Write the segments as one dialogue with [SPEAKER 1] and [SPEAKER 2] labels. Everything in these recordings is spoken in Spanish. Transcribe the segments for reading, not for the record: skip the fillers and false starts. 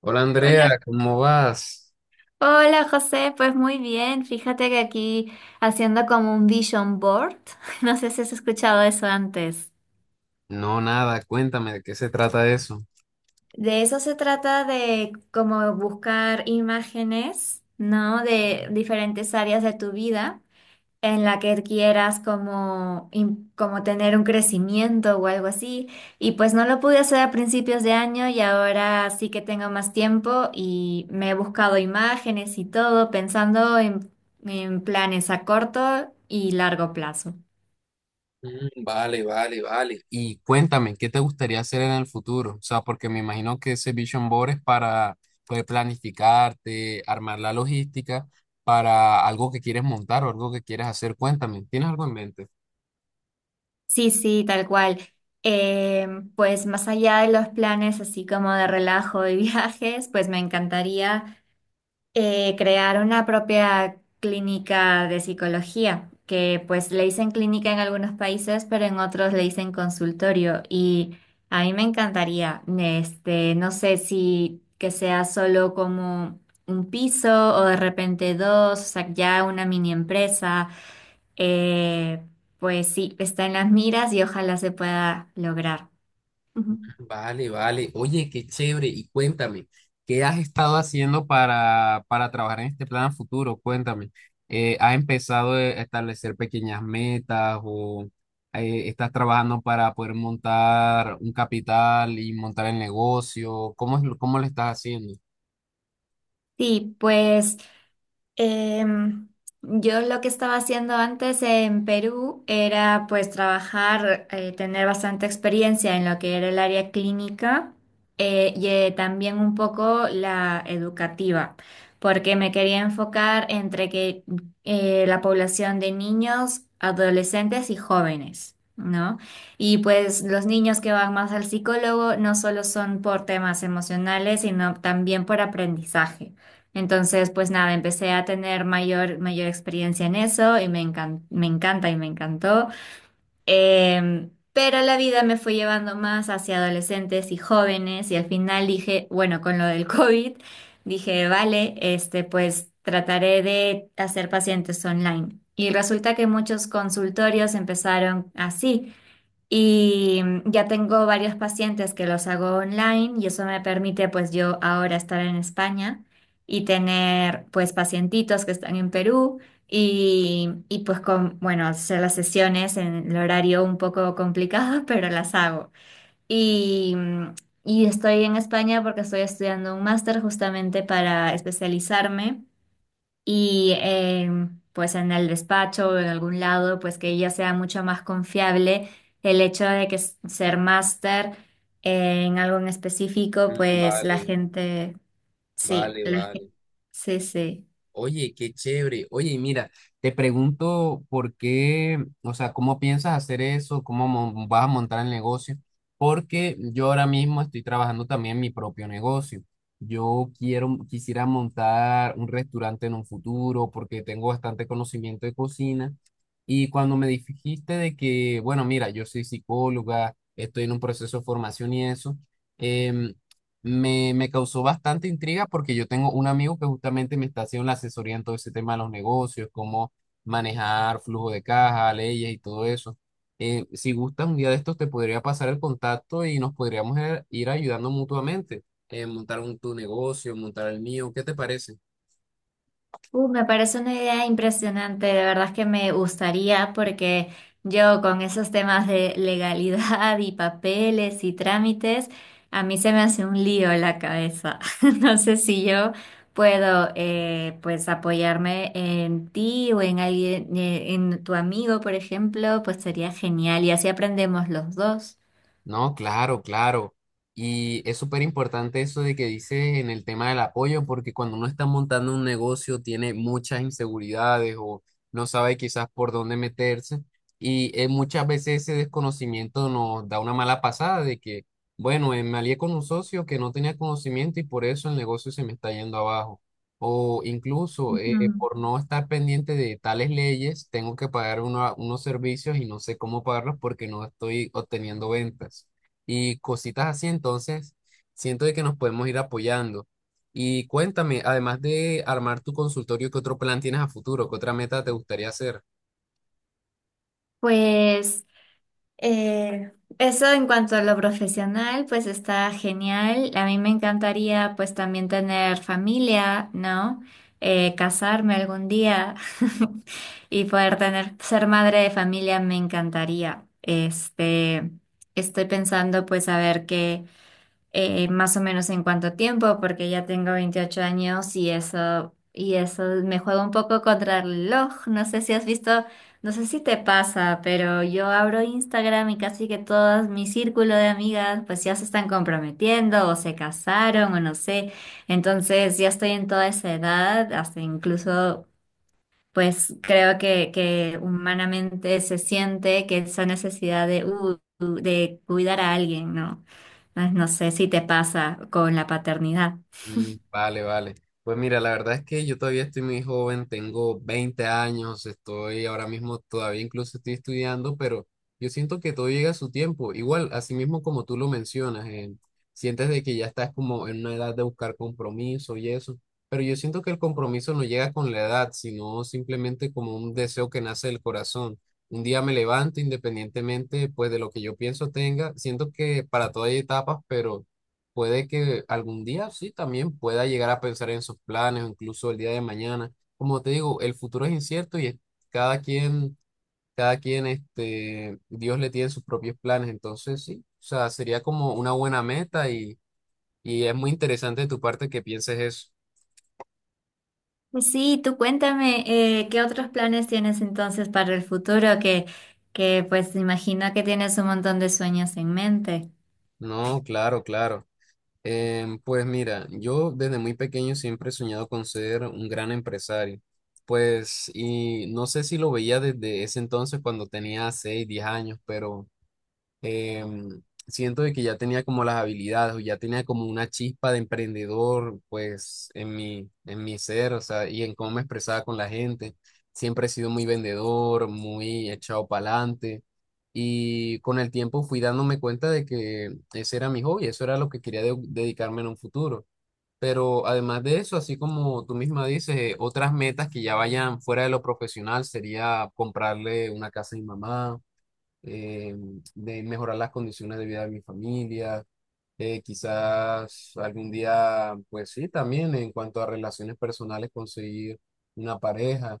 [SPEAKER 1] Hola
[SPEAKER 2] Hola,
[SPEAKER 1] Andrea, ¿cómo vas?
[SPEAKER 2] hola José, pues muy bien. Fíjate que aquí haciendo como un vision board, no sé si has escuchado eso antes.
[SPEAKER 1] No, nada, cuéntame de qué se trata eso.
[SPEAKER 2] De eso se trata de como buscar imágenes, ¿no? De diferentes áreas de tu vida, en la que quieras como, como tener un crecimiento o algo así. Y pues no lo pude hacer a principios de año y ahora sí que tengo más tiempo y me he buscado imágenes y todo pensando en planes a corto y largo plazo.
[SPEAKER 1] Mm, vale, vale, vale. Y cuéntame, ¿qué te gustaría hacer en el futuro? O sea, porque me imagino que ese Vision Board es para poder planificarte, armar la logística para algo que quieres montar o algo que quieres hacer. Cuéntame, ¿tienes algo en mente?
[SPEAKER 2] Sí, sí, tal cual. Eh, pues más allá de los planes así como de relajo y viajes, pues me encantaría crear una propia clínica de psicología, que pues le dicen clínica en algunos países, pero en otros le dicen consultorio. Y a mí me encantaría, no sé si que sea solo como un piso o de repente dos, o sea, ya una mini empresa. Eh, pues sí, está en las miras y ojalá se pueda lograr. Ujú.
[SPEAKER 1] Vale, vale. Oye, qué chévere. Y cuéntame, ¿qué has estado haciendo para trabajar en este plan a futuro? Cuéntame. ¿Has empezado a establecer pequeñas metas o estás trabajando para poder montar un capital y montar el negocio? ¿Cómo es, cómo lo estás haciendo?
[SPEAKER 2] Sí, pues Em, yo lo que estaba haciendo antes en Perú era pues trabajar, tener bastante experiencia en lo que era el área clínica también un poco la educativa, porque me quería enfocar entre que la población de niños, adolescentes y jóvenes. ¿No? Y pues los niños que van más al psicólogo no solo son por temas emocionales, sino también por aprendizaje. Entonces, pues nada, empecé a tener mayor experiencia en eso y me encanta y me encantó. Pero la vida me fue llevando más hacia adolescentes y jóvenes y al final dije, bueno, con lo del COVID, dije, vale, pues trataré de hacer pacientes online. Y resulta que muchos consultorios empezaron así. Y ya tengo varios pacientes que los hago online y eso me permite pues yo ahora estar en España y tener pues pacientitos que están en Perú y pues con, bueno, hacer las sesiones en el horario un poco complicado, pero las hago. Y, mm, y estoy en España porque estoy estudiando un máster justamente para especializarme y pues en el despacho o en algún lado, pues que ella sea mucho más confiable el hecho de que ser máster en algo en específico,
[SPEAKER 1] Mm,
[SPEAKER 2] pues la
[SPEAKER 1] vale,
[SPEAKER 2] gente, sí,
[SPEAKER 1] vale, vale.
[SPEAKER 2] sí, sí.
[SPEAKER 1] Oye, qué chévere. Oye, y mira, te pregunto por qué, o sea, cómo piensas hacer eso, vas a montar el negocio, porque yo ahora mismo estoy trabajando también en mi propio negocio. Quisiera montar un restaurante en un futuro porque tengo bastante conocimiento de cocina. Y cuando me dijiste de que, bueno, mira, yo soy psicóloga, estoy en un proceso de formación y eso. em, me causó bastante intriga porque yo tengo un amigo que justamente me está haciendo la asesoría en todo ese tema de los negocios, cómo manejar flujo de caja, leyes y todo eso. Si gustas, un día de estos te podría pasar el contacto y nos podríamos ir ayudando mutuamente, montar tu negocio, montar el mío, ¿qué te parece?
[SPEAKER 2] Me parece una idea impresionante, de verdad es que me gustaría porque yo con esos temas de legalidad y papeles y trámites, a mí se me hace un lío la cabeza. No sé si yo puedo pues apoyarme en ti o en alguien, en tu amigo, por ejemplo, pues sería genial y así aprendemos los dos.
[SPEAKER 1] No, claro, claro. Y es súper importante eso de que dices en el tema del apoyo, porque cuando uno está montando un negocio tiene muchas inseguridades o no sabe quizás por dónde meterse. Y muchas veces ese desconocimiento nos da una mala pasada de que, bueno, me alié con un socio que no tenía conocimiento y por eso el negocio se me está yendo abajo. O incluso
[SPEAKER 2] Ujú.
[SPEAKER 1] por no estar pendiente de tales leyes, tengo que pagar unos servicios y no sé cómo pagarlos porque no estoy obteniendo ventas. Y cositas así, entonces, siento de que nos podemos ir apoyando. Y cuéntame, además de armar tu consultorio, ¿qué otro plan tienes a futuro? ¿Qué otra meta te gustaría hacer?
[SPEAKER 2] Pues Eh, eso en cuanto a lo profesional, pues está genial. A mí me encantaría pues también tener familia, ¿no? Casarme algún día y poder tener, ser madre de familia me encantaría. Estoy pensando pues a ver qué más o menos en cuánto tiempo, porque ya tengo 28 años y eso me juega un poco contra el reloj. No sé si has visto, no sé si te pasa, pero yo abro Instagram y casi que todo mi círculo de amigas pues ya se están comprometiendo o se casaron o no sé. Entonces ya estoy en toda esa edad, hasta incluso pues creo que humanamente se siente que esa necesidad de cuidar a alguien, ¿no? Ah, no sé si te pasa con la paternidad.
[SPEAKER 1] Mm, vale, vale. Pues mira, la verdad es que yo todavía estoy muy joven, tengo 20 años, estoy ahora mismo todavía incluso estoy estudiando, pero yo siento que todo llega a su tiempo. Igual, así mismo como tú lo mencionas, sientes de que ya estás como en una edad de buscar compromiso y eso, pero yo siento que el compromiso no llega con la edad, sino simplemente como un deseo que nace del corazón. Un día me levanto independientemente pues de lo que yo pienso tenga, siento que para todo hay etapas, pero puede que algún día sí también pueda llegar a pensar en sus planes o incluso el día de mañana. Como te digo, el futuro es incierto y cada quien, cada quien, este, Dios le tiene sus propios planes. Entonces sí, o sea, sería como una buena meta y es muy interesante de tu parte que pienses eso.
[SPEAKER 2] Pues sí, tú cuéntame, ¿qué otros planes tienes entonces para el futuro? Que pues imagino que tienes un montón de sueños en mente.
[SPEAKER 1] No, claro, claro. Pues mira, yo desde muy pequeño siempre he soñado con ser un gran empresario. Pues, y no sé si lo veía desde ese entonces cuando tenía 6 10 años, pero em, siento de que ya tenía como las habilidades o ya tenía como una chispa de emprendedor, pues en mi ser, o sea, y en cómo me expresaba con la gente. Siempre he sido muy vendedor, muy echado para adelante. Y con el tiempo fui dándome cuenta de que ese era mi hobby, eso era lo que quería dedicarme en un futuro. Pero además de eso, así como tú misma dices, otras metas que ya vayan fuera de lo profesional sería comprarle una casa a mi mamá eh, de mejorar las condiciones de vida de mi familia, quizás algún día, pues sí, también en cuanto a relaciones personales, conseguir una pareja,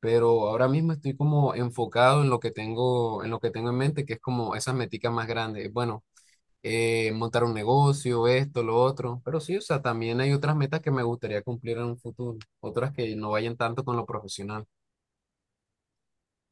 [SPEAKER 1] pero ahora mismo estoy como enfocado en lo que tengo, en lo que tengo en mente, que es como esas meticas más grandes, bueno, montar un negocio, esto, lo otro, pero sí, o sea, también hay otras metas que me gustaría cumplir en un futuro, otras que no vayan tanto con lo profesional.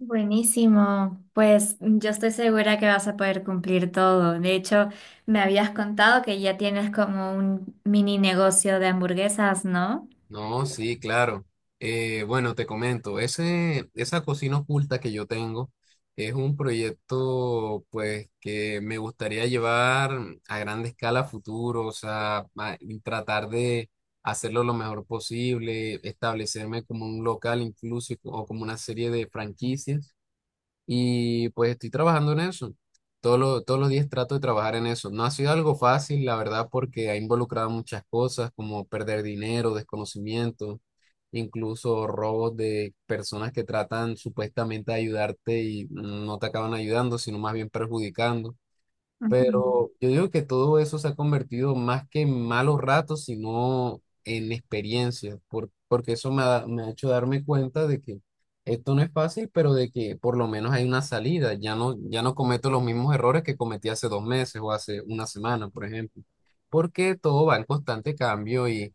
[SPEAKER 2] Buenísimo, pues yo estoy segura que vas a poder cumplir todo. De hecho, me habías contado que ya tienes como un mini negocio de hamburguesas, ¿no?
[SPEAKER 1] No, sí, claro. Bueno, te comento, esa cocina oculta que yo tengo es un proyecto pues que me gustaría llevar a gran escala a futuro, o sea, y tratar de hacerlo lo mejor posible, establecerme como un local incluso o como una serie de franquicias y pues estoy trabajando en eso. Todos los días trato de trabajar en eso. No ha sido algo fácil, la verdad, porque ha involucrado muchas cosas como perder dinero, desconocimiento, incluso robos de personas que tratan supuestamente de ayudarte y no te acaban ayudando, sino más bien perjudicando.
[SPEAKER 2] Ujú.
[SPEAKER 1] Pero yo digo que todo eso se ha convertido más que en malos ratos, sino en experiencias, porque eso me ha hecho darme cuenta de que esto no es fácil, pero de que por lo menos hay una salida. Ya no, ya no cometo los mismos errores que cometí hace 2 meses o hace una semana, por ejemplo, porque todo va en constante cambio y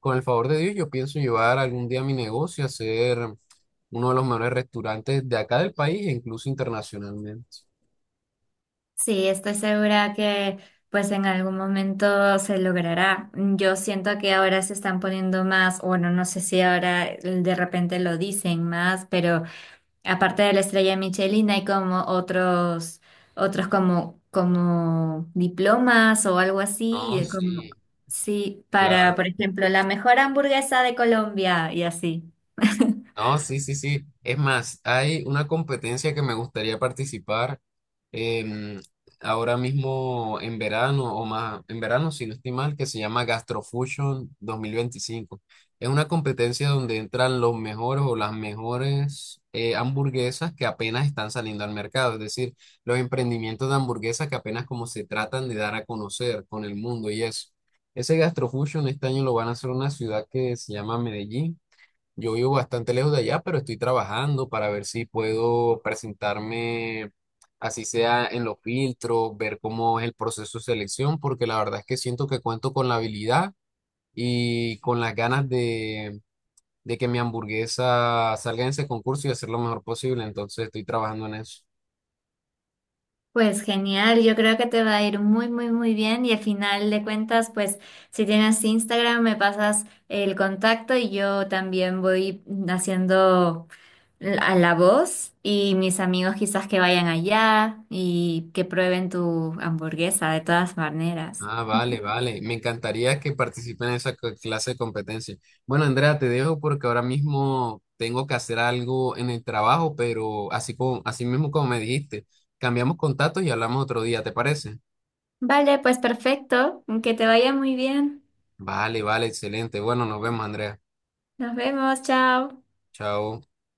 [SPEAKER 1] con el favor de Dios yo pienso llevar algún día mi negocio a ser uno de los mejores restaurantes de acá del país e incluso internacionalmente.
[SPEAKER 2] Sí, estoy segura que pues en algún momento se logrará. Mm, yo siento que ahora se están poniendo más, bueno, no sé si ahora de repente lo dicen más, pero aparte de la estrella Michelin hay como otros, otros como, como diplomas o algo así,
[SPEAKER 1] No,
[SPEAKER 2] como
[SPEAKER 1] sí,
[SPEAKER 2] sí, para, por
[SPEAKER 1] claro.
[SPEAKER 2] ejemplo, la mejor hamburguesa de Colombia y así.
[SPEAKER 1] No, sí, sí, sí. Es más, hay una competencia que me gustaría participar em, ahora mismo en verano o más, en verano, si no estoy mal, que se llama Gastrofusion 2025. Es una competencia donde entran los mejores o las mejores hamburguesas que apenas están saliendo al mercado, es decir, los emprendimientos de hamburguesas que apenas como se tratan de dar a conocer con el mundo y eso. Ese Gastrofusion este año lo van a hacer en una ciudad que se llama Medellín. Yo vivo bastante lejos de allá, pero estoy trabajando para ver si puedo presentarme, así sea en los filtros, ver cómo es el proceso de selección, porque la verdad es que siento que cuento con la habilidad y con las ganas de que mi hamburguesa salga en ese concurso y hacer lo mejor posible. Entonces estoy trabajando en eso.
[SPEAKER 2] Pues genial, yo creo que te va a ir muy, muy, muy bien y al final de cuentas, pues si tienes Instagram me pasas el contacto y yo también voy haciendo a la voz y mis amigos quizás que vayan allá y que prueben tu hamburguesa de todas maneras.
[SPEAKER 1] Ah, vale, vale. Me encantaría que participen en esa clase de competencia. Bueno, Andrea, te dejo porque ahora mismo tengo que hacer algo en el trabajo, pero así mismo como me dijiste, cambiamos contactos y hablamos otro día, ¿te parece?
[SPEAKER 2] Vale, pues perfecto, que te vaya muy bien.
[SPEAKER 1] Vale, vale, excelente. Bueno, nos vemos, Andrea.
[SPEAKER 2] Nos vemos, chao.
[SPEAKER 1] Chao.